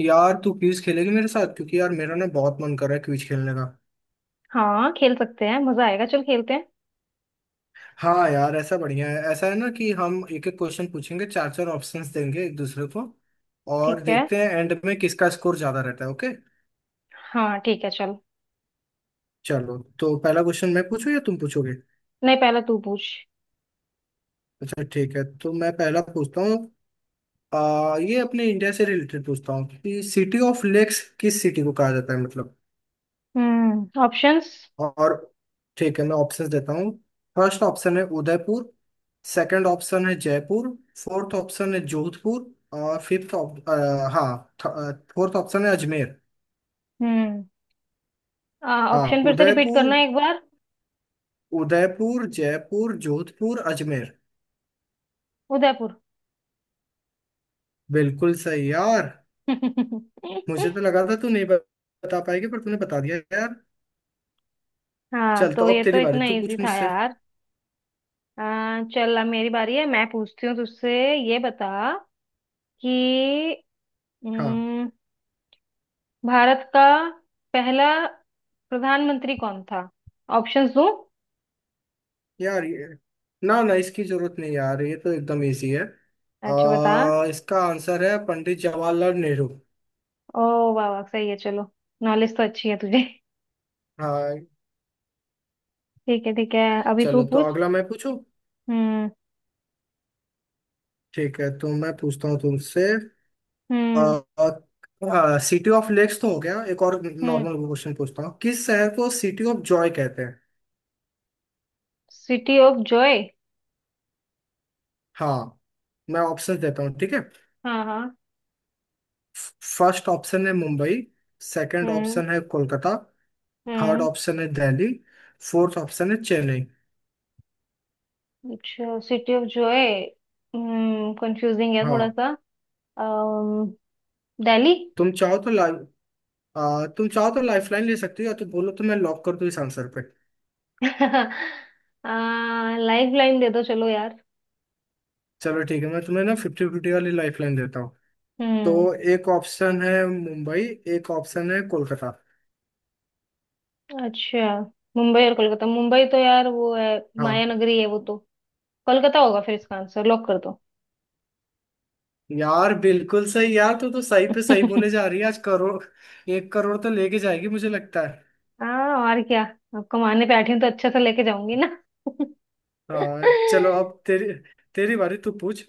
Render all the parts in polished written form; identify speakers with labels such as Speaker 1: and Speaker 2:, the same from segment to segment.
Speaker 1: यार तू क्विज खेलेगी मेरे साथ क्योंकि यार मेरा ना बहुत मन कर रहा है क्विज खेलने का।
Speaker 2: हाँ, खेल सकते हैं। मजा आएगा। चल खेलते हैं।
Speaker 1: हाँ यार ऐसा बढ़िया है, ऐसा है ना कि हम एक एक क्वेश्चन पूछेंगे, चार चार ऑप्शंस देंगे एक दूसरे को, और
Speaker 2: ठीक है।
Speaker 1: देखते हैं एंड में किसका स्कोर ज्यादा रहता है। ओके,
Speaker 2: हाँ ठीक है, चल।
Speaker 1: चलो तो पहला क्वेश्चन मैं पूछूं या तुम पूछोगे।
Speaker 2: नहीं, पहले तू पूछ।
Speaker 1: अच्छा ठीक है, तो मैं पहला पूछता हूँ। ये अपने इंडिया से रिलेटेड पूछता हूँ कि सिटी ऑफ लेक्स किस सिटी को कहा जाता है, मतलब।
Speaker 2: हम्म, ऑप्शंस।
Speaker 1: और ठीक है, मैं ऑप्शंस देता हूँ। फर्स्ट ऑप्शन है उदयपुर। सेकंड ऑप्शन है जयपुर। फोर्थ ऑप्शन है जोधपुर। और फिफ्थ। हाँ। फोर्थ ऑप्शन है अजमेर।
Speaker 2: हम्म।
Speaker 1: हाँ,
Speaker 2: ऑप्शन फिर से रिपीट
Speaker 1: उदयपुर।
Speaker 2: करना एक बार।
Speaker 1: उदयपुर, जयपुर, जोधपुर, अजमेर।
Speaker 2: उदयपुर।
Speaker 1: बिल्कुल सही यार। मुझे तो लगा था तू नहीं बता पाएगी पर तूने बता दिया यार।
Speaker 2: हाँ
Speaker 1: चल तो
Speaker 2: तो
Speaker 1: अब
Speaker 2: ये तो
Speaker 1: तेरी बारी,
Speaker 2: इतना
Speaker 1: तू
Speaker 2: इजी
Speaker 1: पूछ
Speaker 2: था
Speaker 1: मुझसे।
Speaker 2: यार। चल अब मेरी बारी है, मैं पूछती हूँ तुझसे। ये बता कि
Speaker 1: हाँ
Speaker 2: हम्म, भारत का पहला प्रधानमंत्री कौन था? ऑप्शंस दूँ?
Speaker 1: यार, ये ना ना इसकी जरूरत नहीं यार, ये तो एकदम इजी है।
Speaker 2: अच्छा बता।
Speaker 1: इसका आंसर है पंडित जवाहरलाल नेहरू।
Speaker 2: ओ, वाह वाह, सही है। चलो, नॉलेज तो अच्छी है तुझे।
Speaker 1: हाँ,
Speaker 2: ठीक है, ठीक है। अभी तू
Speaker 1: चलो तो
Speaker 2: पूछ।
Speaker 1: अगला मैं पूछूं।
Speaker 2: हम्म।
Speaker 1: ठीक है, तो मैं पूछता हूँ तुमसे।
Speaker 2: हम्म।
Speaker 1: सिटी ऑफ लेक्स तो हो गया, एक और
Speaker 2: हम्म।
Speaker 1: नॉर्मल क्वेश्चन पूछता हूँ, किस शहर को सिटी ऑफ जॉय कहते हैं।
Speaker 2: City of joy.
Speaker 1: हाँ, मैं ऑप्शन देता हूँ, ठीक है।
Speaker 2: हाँ हाँ।
Speaker 1: फर्स्ट ऑप्शन है मुंबई। सेकंड
Speaker 2: हम्म।
Speaker 1: ऑप्शन है कोलकाता। थर्ड
Speaker 2: हम्म।
Speaker 1: ऑप्शन है दिल्ली। फोर्थ ऑप्शन है चेन्नई।
Speaker 2: अच्छा, सिटी ऑफ जॉय। हम्म, कंफ्यूजिंग है थोड़ा
Speaker 1: हाँ,
Speaker 2: सा। अम्म दिल्ली।
Speaker 1: तुम चाहो तो ला तुम चाहो तो लाइफलाइन ले सकती हो, या तो बोलो तो मैं लॉक कर दूं इस आंसर पे।
Speaker 2: लाइफ लाइन दे दो चलो यार।
Speaker 1: चलो ठीक है, मैं तुम्हें ना फिफ्टी फिफ्टी वाली लाइफलाइन देता हूँ।
Speaker 2: हम्म।
Speaker 1: तो एक ऑप्शन है मुंबई, एक ऑप्शन है कोलकाता।
Speaker 2: अच्छा, मुंबई और कोलकाता। मुंबई तो यार वो है, माया
Speaker 1: हाँ
Speaker 2: नगरी है वो तो। कोलकाता होगा फिर, इसका आंसर लॉक कर दो।
Speaker 1: यार, बिल्कुल सही यार, तू तो सही पे सही बोले जा रही है आज। करोड़, एक करोड़ तो लेके जाएगी मुझे लगता है।
Speaker 2: हाँ, और क्या। अब कमाने पे बैठी हूँ तो अच्छे से लेके जाऊंगी ना।
Speaker 1: हाँ, चलो अब तेरी तेरी बारी, तू पूछ।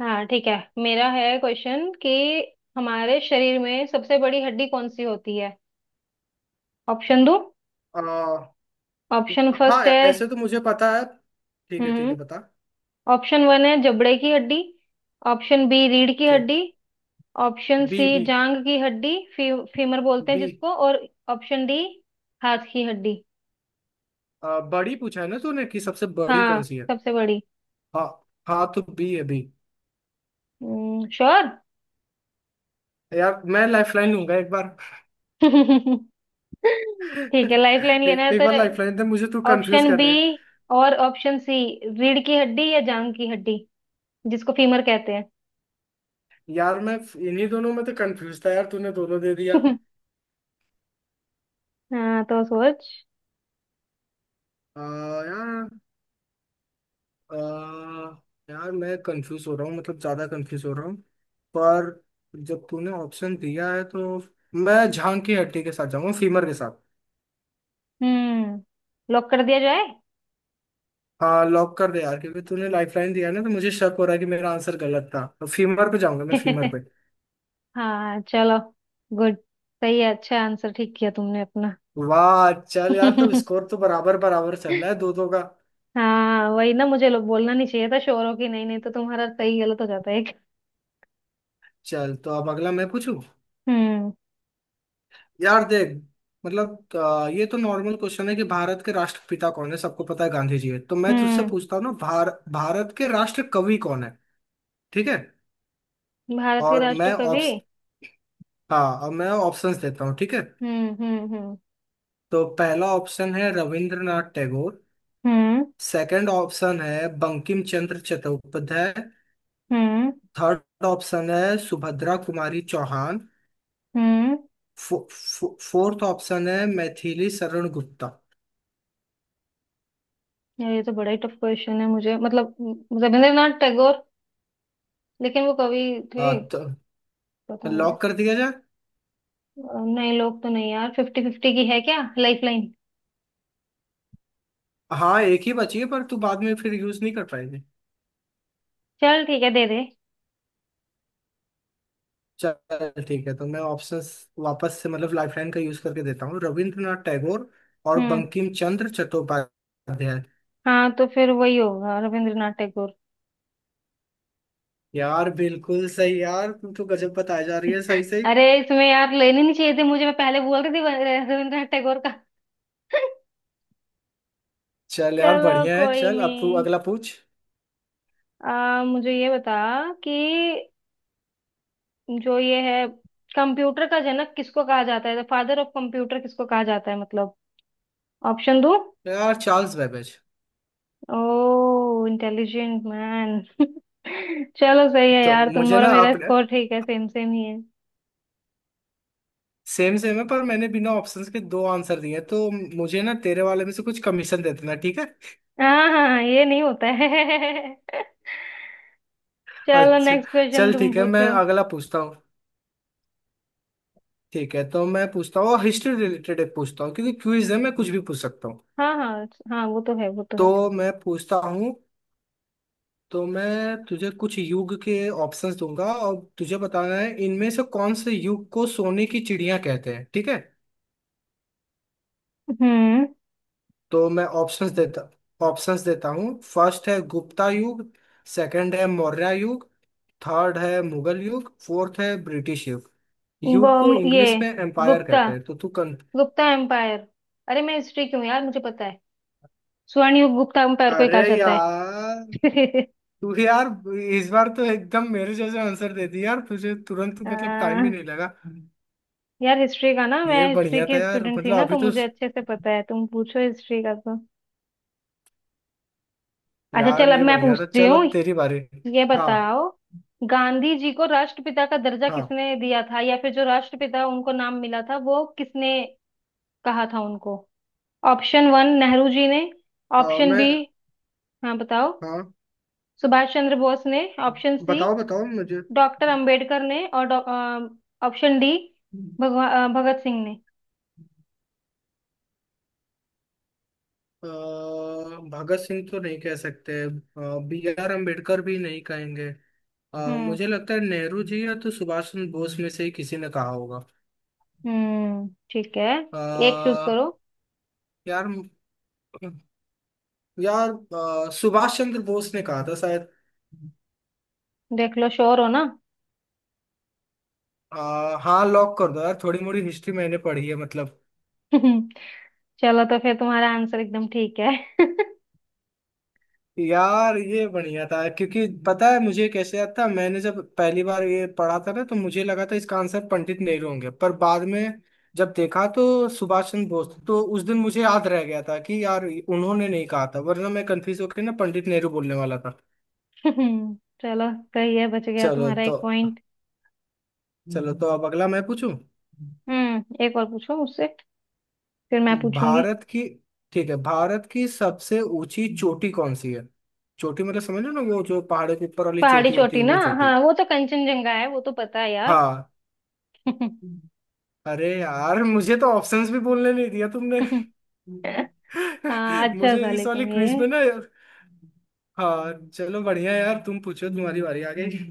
Speaker 2: हाँ ठीक है। मेरा है क्वेश्चन कि हमारे शरीर में सबसे बड़ी हड्डी कौन सी होती है? ऑप्शन दो।
Speaker 1: आ,
Speaker 2: ऑप्शन
Speaker 1: हाँ
Speaker 2: फर्स्ट है।
Speaker 1: ऐसे तो मुझे पता है। ठीक है ठीक
Speaker 2: हम्म।
Speaker 1: है, बता।
Speaker 2: ऑप्शन वन है जबड़े की हड्डी। ऑप्शन बी रीढ़ की
Speaker 1: ठीक।
Speaker 2: हड्डी। Option
Speaker 1: B
Speaker 2: C
Speaker 1: B.
Speaker 2: जांग की हड्डी, फीमर बोलते हैं
Speaker 1: बी।
Speaker 2: जिसको। और ऑप्शन डी हाथ की हड्डी।
Speaker 1: बड़ी पूछा है ना तूने कि सबसे बड़ी
Speaker 2: हाँ,
Speaker 1: कौन सी है।
Speaker 2: सबसे बड़ी।
Speaker 1: हाँ। हाँ तो बी है, बी।
Speaker 2: श्योर।
Speaker 1: यार मैं लाइफलाइन लूंगा एक बार।
Speaker 2: ठीक है, लाइफ लाइन लेना
Speaker 1: एक,
Speaker 2: है
Speaker 1: एक
Speaker 2: तो।
Speaker 1: बार लाइफलाइन दे मुझे, तू कंफ्यूज
Speaker 2: ऑप्शन
Speaker 1: कर
Speaker 2: बी
Speaker 1: रही है।
Speaker 2: और ऑप्शन सी, रीढ़ की हड्डी या जांग की हड्डी, जिसको फीमर कहते हैं।
Speaker 1: यार मैं इन्हीं दोनों में तो कंफ्यूज था यार, तूने दोनों दे दिया।
Speaker 2: हाँ तो सोच।
Speaker 1: आ, यार आ, यार मैं कंफ्यूज हो रहा हूँ, मतलब ज्यादा कंफ्यूज हो रहा हूँ। पर जब तूने ऑप्शन दिया है तो मैं झांग की हड्डी के साथ जाऊंगा, फीमर के साथ।
Speaker 2: हम्म, लॉक कर दिया जाए?
Speaker 1: हाँ लॉक कर दे यार, क्योंकि तूने लाइफलाइन दिया है ना तो मुझे शक हो रहा है कि मेरा आंसर गलत था, तो फीमर पे जाऊंगा मैं, फीमर।
Speaker 2: हाँ चलो, गुड। सही है, अच्छा आंसर ठीक किया तुमने अपना।
Speaker 1: वाह चल यार, तब स्कोर तो बराबर बराबर चल रहा है, दो दो का।
Speaker 2: हाँ वही ना, मुझे लोग बोलना नहीं चाहिए था शोरों की। नहीं, नहीं तो तुम्हारा सही गलत हो जाता है। एक।
Speaker 1: चल तो अब अगला मैं पूछूं।
Speaker 2: हम्म।
Speaker 1: यार देख, मतलब ये तो नॉर्मल क्वेश्चन है कि भारत के राष्ट्रपिता कौन है, सबको पता है गांधी जी है, तो मैं तुझसे
Speaker 2: हम्म।
Speaker 1: पूछता हूँ ना, भारत के राष्ट्र कवि कौन है। ठीक है।
Speaker 2: भारत के
Speaker 1: और
Speaker 2: राष्ट्र
Speaker 1: मैं
Speaker 2: कवि।
Speaker 1: ऑप्श हाँ और मैं ऑप्शंस देता हूँ, ठीक है।
Speaker 2: हम्म। हम्म। हम्म।
Speaker 1: तो पहला ऑप्शन है रविंद्रनाथ टैगोर।
Speaker 2: हम्म।
Speaker 1: सेकंड ऑप्शन है बंकिम चंद्र चट्टोपाध्याय।
Speaker 2: हम्म।
Speaker 1: थर्ड ऑप्शन है सुभद्रा कुमारी चौहान।
Speaker 2: हम्म।
Speaker 1: फो, फो, फोर्थ ऑप्शन है मैथिली शरण गुप्ता।
Speaker 2: यार ये तो बड़ा ही टफ क्वेश्चन है मुझे, रविंद्रनाथ टैगोर, लेकिन वो कवि थे?
Speaker 1: तो
Speaker 2: पता नहीं।
Speaker 1: लॉक कर दिया जाए।
Speaker 2: नहीं, लोग तो नहीं यार। फिफ्टी फिफ्टी की है क्या लाइफ लाइन?
Speaker 1: हाँ, एक ही बची है पर तू बाद में फिर यूज नहीं कर पाएगी।
Speaker 2: चल ठीक है, दे दे।
Speaker 1: चल ठीक है, तो मैं ऑप्शन वापस से मतलब लाइफलाइन का यूज करके देता हूँ, रविंद्रनाथ टैगोर और
Speaker 2: हम्म।
Speaker 1: बंकिम चंद्र चट्टोपाध्याय।
Speaker 2: हाँ तो फिर वही होगा, रविंद्रनाथ टैगोर।
Speaker 1: यार बिल्कुल सही यार, तू तो गजब बताया जा रही है, सही सही।
Speaker 2: अरे इसमें यार लेने नहीं चाहिए थे मुझे, मैं पहले बोल रही थी रविंद्रनाथ टैगोर का।
Speaker 1: चल यार
Speaker 2: चलो
Speaker 1: बढ़िया है,
Speaker 2: कोई
Speaker 1: चल अब तू
Speaker 2: नहीं।
Speaker 1: अगला पूछ।
Speaker 2: मुझे ये बता कि जो ये है, कंप्यूटर का जनक किसको कहा जाता है, फादर ऑफ कंप्यूटर किसको कहा जाता है मतलब। ऑप्शन दो।
Speaker 1: यार चार्ल्स बैबेज।
Speaker 2: ओह, इंटेलिजेंट मैन। चलो सही है
Speaker 1: तो
Speaker 2: यार, तुम
Speaker 1: मुझे
Speaker 2: और
Speaker 1: ना
Speaker 2: मेरा
Speaker 1: अपने,
Speaker 2: स्कोर ठीक है, सेम सेम ही है।
Speaker 1: सेम सेम है पर मैंने बिना ऑप्शंस के दो आंसर दिए हैं, तो मुझे ना तेरे वाले में से कुछ कमीशन दे देना, ठीक है।
Speaker 2: हाँ हाँ हाँ, ये नहीं होता है। चलो
Speaker 1: अच्छा,
Speaker 2: नेक्स्ट क्वेश्चन
Speaker 1: चल
Speaker 2: तुम
Speaker 1: ठीक है मैं
Speaker 2: पूछो।
Speaker 1: अगला पूछता हूँ। ठीक है, तो मैं पूछता हूँ हिस्ट्री रिलेटेड एक पूछता हूँ, क्योंकि क्विज है मैं कुछ भी पूछ सकता हूँ।
Speaker 2: हाँ हाँ हाँ, वो तो है, वो तो
Speaker 1: तो
Speaker 2: है।
Speaker 1: मैं पूछता हूँ, तो मैं तुझे कुछ युग के ऑप्शंस दूंगा और तुझे बताना है इनमें से कौन से युग को सोने की चिड़िया कहते हैं, ठीक है।
Speaker 2: हम्म।
Speaker 1: तो मैं ऑप्शंस देता हूँ, फर्स्ट है गुप्ता युग। सेकंड है मौर्य युग। थर्ड है मुगल युग। फोर्थ है ब्रिटिश युग।
Speaker 2: गो,
Speaker 1: युग को
Speaker 2: ये,
Speaker 1: इंग्लिश में एम्पायर
Speaker 2: गुप्ता,
Speaker 1: कहते हैं, तो तू कन।
Speaker 2: गुप्ता एम्पायर। अरे मैं हिस्ट्री क्यों, यार मुझे पता है, स्वर्णयुग गुप्ता एम्पायर को ही
Speaker 1: अरे
Speaker 2: कहा जाता
Speaker 1: यार,
Speaker 2: है।
Speaker 1: तू यार इस बार तो एकदम मेरे जैसे आंसर दे दिया यार, तुझे तुरंत मतलब टाइम भी
Speaker 2: आ,
Speaker 1: नहीं लगा।
Speaker 2: यार हिस्ट्री का ना, मैं
Speaker 1: ये
Speaker 2: हिस्ट्री
Speaker 1: बढ़िया था
Speaker 2: की
Speaker 1: यार,
Speaker 2: स्टूडेंट थी
Speaker 1: मतलब
Speaker 2: ना,
Speaker 1: अभी
Speaker 2: तो
Speaker 1: तो,
Speaker 2: मुझे अच्छे से पता है। तुम पूछो हिस्ट्री का तो। अच्छा
Speaker 1: यार
Speaker 2: चल, अब
Speaker 1: ये
Speaker 2: मैं
Speaker 1: बढ़िया था।
Speaker 2: पूछती
Speaker 1: चल
Speaker 2: हूँ।
Speaker 1: अब तेरी बारी।
Speaker 2: ये
Speaker 1: हाँ।
Speaker 2: बताओ, गांधी जी को राष्ट्रपिता का दर्जा
Speaker 1: हाँ
Speaker 2: किसने दिया था, या फिर जो राष्ट्रपिता उनको नाम मिला था वो किसने कहा था उनको? ऑप्शन वन नेहरू जी ने। ऑप्शन
Speaker 1: मैं।
Speaker 2: बी, हाँ बताओ,
Speaker 1: हाँ।
Speaker 2: सुभाष चंद्र बोस ने। ऑप्शन सी
Speaker 1: बताओ बताओ मुझे।
Speaker 2: डॉक्टर अंबेडकर ने। और ऑप्शन डी भगत सिंह ने।
Speaker 1: अ, भगत सिंह तो नहीं कह सकते, बी आर अम्बेडकर भी नहीं कहेंगे। अ,
Speaker 2: हम्म।
Speaker 1: मुझे लगता है नेहरू जी या तो सुभाष चंद्र बोस में से ही किसी ने कहा होगा।
Speaker 2: ठीक है।
Speaker 1: अ,
Speaker 2: एक चूज करो।
Speaker 1: यार यार अ, सुभाष चंद्र बोस ने कहा था शायद।
Speaker 2: देख लो, श्योर हो ना।
Speaker 1: अ, हाँ लॉक कर दो यार, थोड़ी मोड़ी हिस्ट्री मैंने पढ़ी है मतलब।
Speaker 2: चलो तो फिर तुम्हारा आंसर एकदम ठीक है।
Speaker 1: यार ये बढ़िया था क्योंकि पता है मुझे कैसे याद था, मैंने जब पहली बार ये पढ़ा था ना तो मुझे लगा था इसका आंसर पंडित नेहरू होंगे, पर बाद में जब देखा तो सुभाष चंद्र बोस थे। तो उस दिन मुझे याद रह गया था कि यार उन्होंने नहीं कहा था, वरना मैं कंफ्यूज होकर ना पंडित नेहरू बोलने वाला था।
Speaker 2: हम्म, चलो सही है, बच गया
Speaker 1: चलो
Speaker 2: तुम्हारा
Speaker 1: तो
Speaker 2: एक पॉइंट।
Speaker 1: चलो तो अब अगला मैं पूछूं।
Speaker 2: हम्म, एक और पूछो मुझसे, फिर मैं पूछूंगी।
Speaker 1: भारत की, ठीक है, भारत की सबसे ऊंची चोटी कौन सी है। चोटी मतलब समझ लो ना, वो जो पहाड़ों के ऊपर वाली
Speaker 2: पहाड़ी
Speaker 1: चोटी होती
Speaker 2: चोटी
Speaker 1: है,
Speaker 2: ना।
Speaker 1: वो चोटी।
Speaker 2: हाँ वो तो कंचनजंगा है, वो तो पता है यार।
Speaker 1: हाँ। अरे यार मुझे तो ऑप्शंस भी बोलने नहीं दिया तुमने।
Speaker 2: हाँ अच्छा
Speaker 1: मुझे
Speaker 2: था,
Speaker 1: इस वाली
Speaker 2: लेकिन
Speaker 1: क्विज
Speaker 2: ये।
Speaker 1: में ना। हाँ चलो बढ़िया यार, तुम पूछो, तुम्हारी बारी आ गई।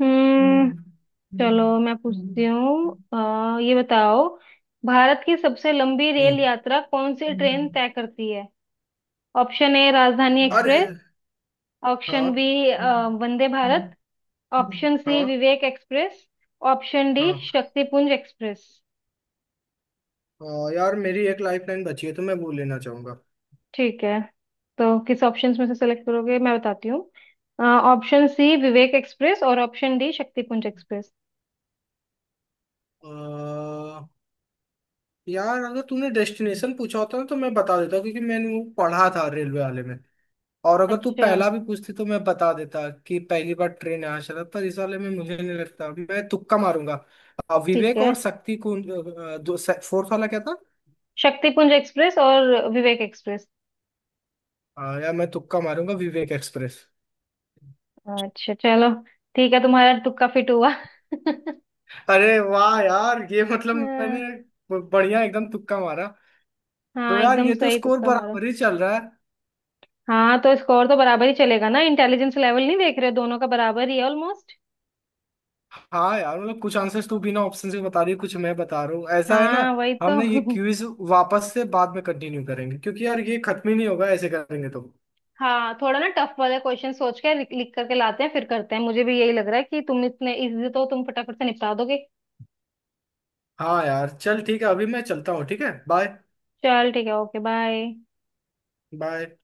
Speaker 2: हम्म।
Speaker 1: हम्म।
Speaker 2: चलो, मैं पूछती हूँ। ये बताओ, भारत की सबसे लंबी रेल यात्रा कौन सी ट्रेन तय करती है? ऑप्शन ए राजधानी
Speaker 1: और
Speaker 2: एक्सप्रेस। ऑप्शन
Speaker 1: हाँ।
Speaker 2: B Vande Bharat. Option C
Speaker 1: हाँ
Speaker 2: विवेक एक्सप्रेस। ऑप्शन डी
Speaker 1: हाँ।
Speaker 2: शक्तिपुंज एक्सप्रेस।
Speaker 1: यार मेरी एक लाइफ लाइन बची है तो मैं वो लेना चाहूंगा।
Speaker 2: ठीक है, तो किस ऑप्शंस में से सेलेक्ट करोगे, मैं बताती हूँ। ऑप्शन सी विवेक एक्सप्रेस और ऑप्शन डी शक्तिपुंज एक्सप्रेस।
Speaker 1: अ, यार अगर तूने डेस्टिनेशन पूछा होता ना तो मैं बता देता क्योंकि मैंने वो पढ़ा था रेलवे वाले में, और अगर तू
Speaker 2: अच्छा।
Speaker 1: पहला भी पूछती तो मैं बता देता कि पहली बार ट्रेन यहाँ चला, पर इस वाले में मुझे नहीं लगता, मैं तुक्का मारूंगा।
Speaker 2: ठीक
Speaker 1: विवेक
Speaker 2: है,
Speaker 1: और शक्ति कौन दो, फोर्थ वाला क्या था।
Speaker 2: शक्तिपुंज एक्सप्रेस और विवेक एक्सप्रेस।
Speaker 1: हाँ यार मैं तुक्का मारूंगा, विवेक एक्सप्रेस।
Speaker 2: अच्छा चलो, ठीक है, तुम्हारा तुक्का फिट हुआ।
Speaker 1: अरे वाह यार ये मतलब मैंने
Speaker 2: हाँ।
Speaker 1: बढ़िया एकदम तुक्का मारा। तो
Speaker 2: हाँ,
Speaker 1: यार
Speaker 2: एकदम
Speaker 1: ये तो
Speaker 2: सही
Speaker 1: स्कोर
Speaker 2: तुक्का हमारा।
Speaker 1: बराबर ही चल रहा है।
Speaker 2: हाँ तो स्कोर तो बराबर ही चलेगा ना, इंटेलिजेंस लेवल नहीं देख रहे हो, दोनों का बराबर ही है ऑलमोस्ट।
Speaker 1: हाँ यार मतलब कुछ आंसर्स तू बिना ऑप्शन से बता रही है, कुछ मैं बता रहा हूँ, ऐसा है ना।
Speaker 2: हाँ वही तो।
Speaker 1: हमने ये क्विज वापस से बाद में कंटिन्यू करेंगे क्योंकि यार ये खत्म ही नहीं होगा ऐसे करेंगे तो।
Speaker 2: हाँ, थोड़ा ना टफ वाले क्वेश्चन सोच के लिख करके लाते हैं, फिर करते हैं। मुझे भी यही लग रहा है कि तुम इतने इजी तो तुम फटाफट से निपटा दोगे।
Speaker 1: हाँ यार चल ठीक है, अभी मैं चलता हूँ, ठीक है, बाय।
Speaker 2: चल ठीक है, ओके बाय।
Speaker 1: बाय।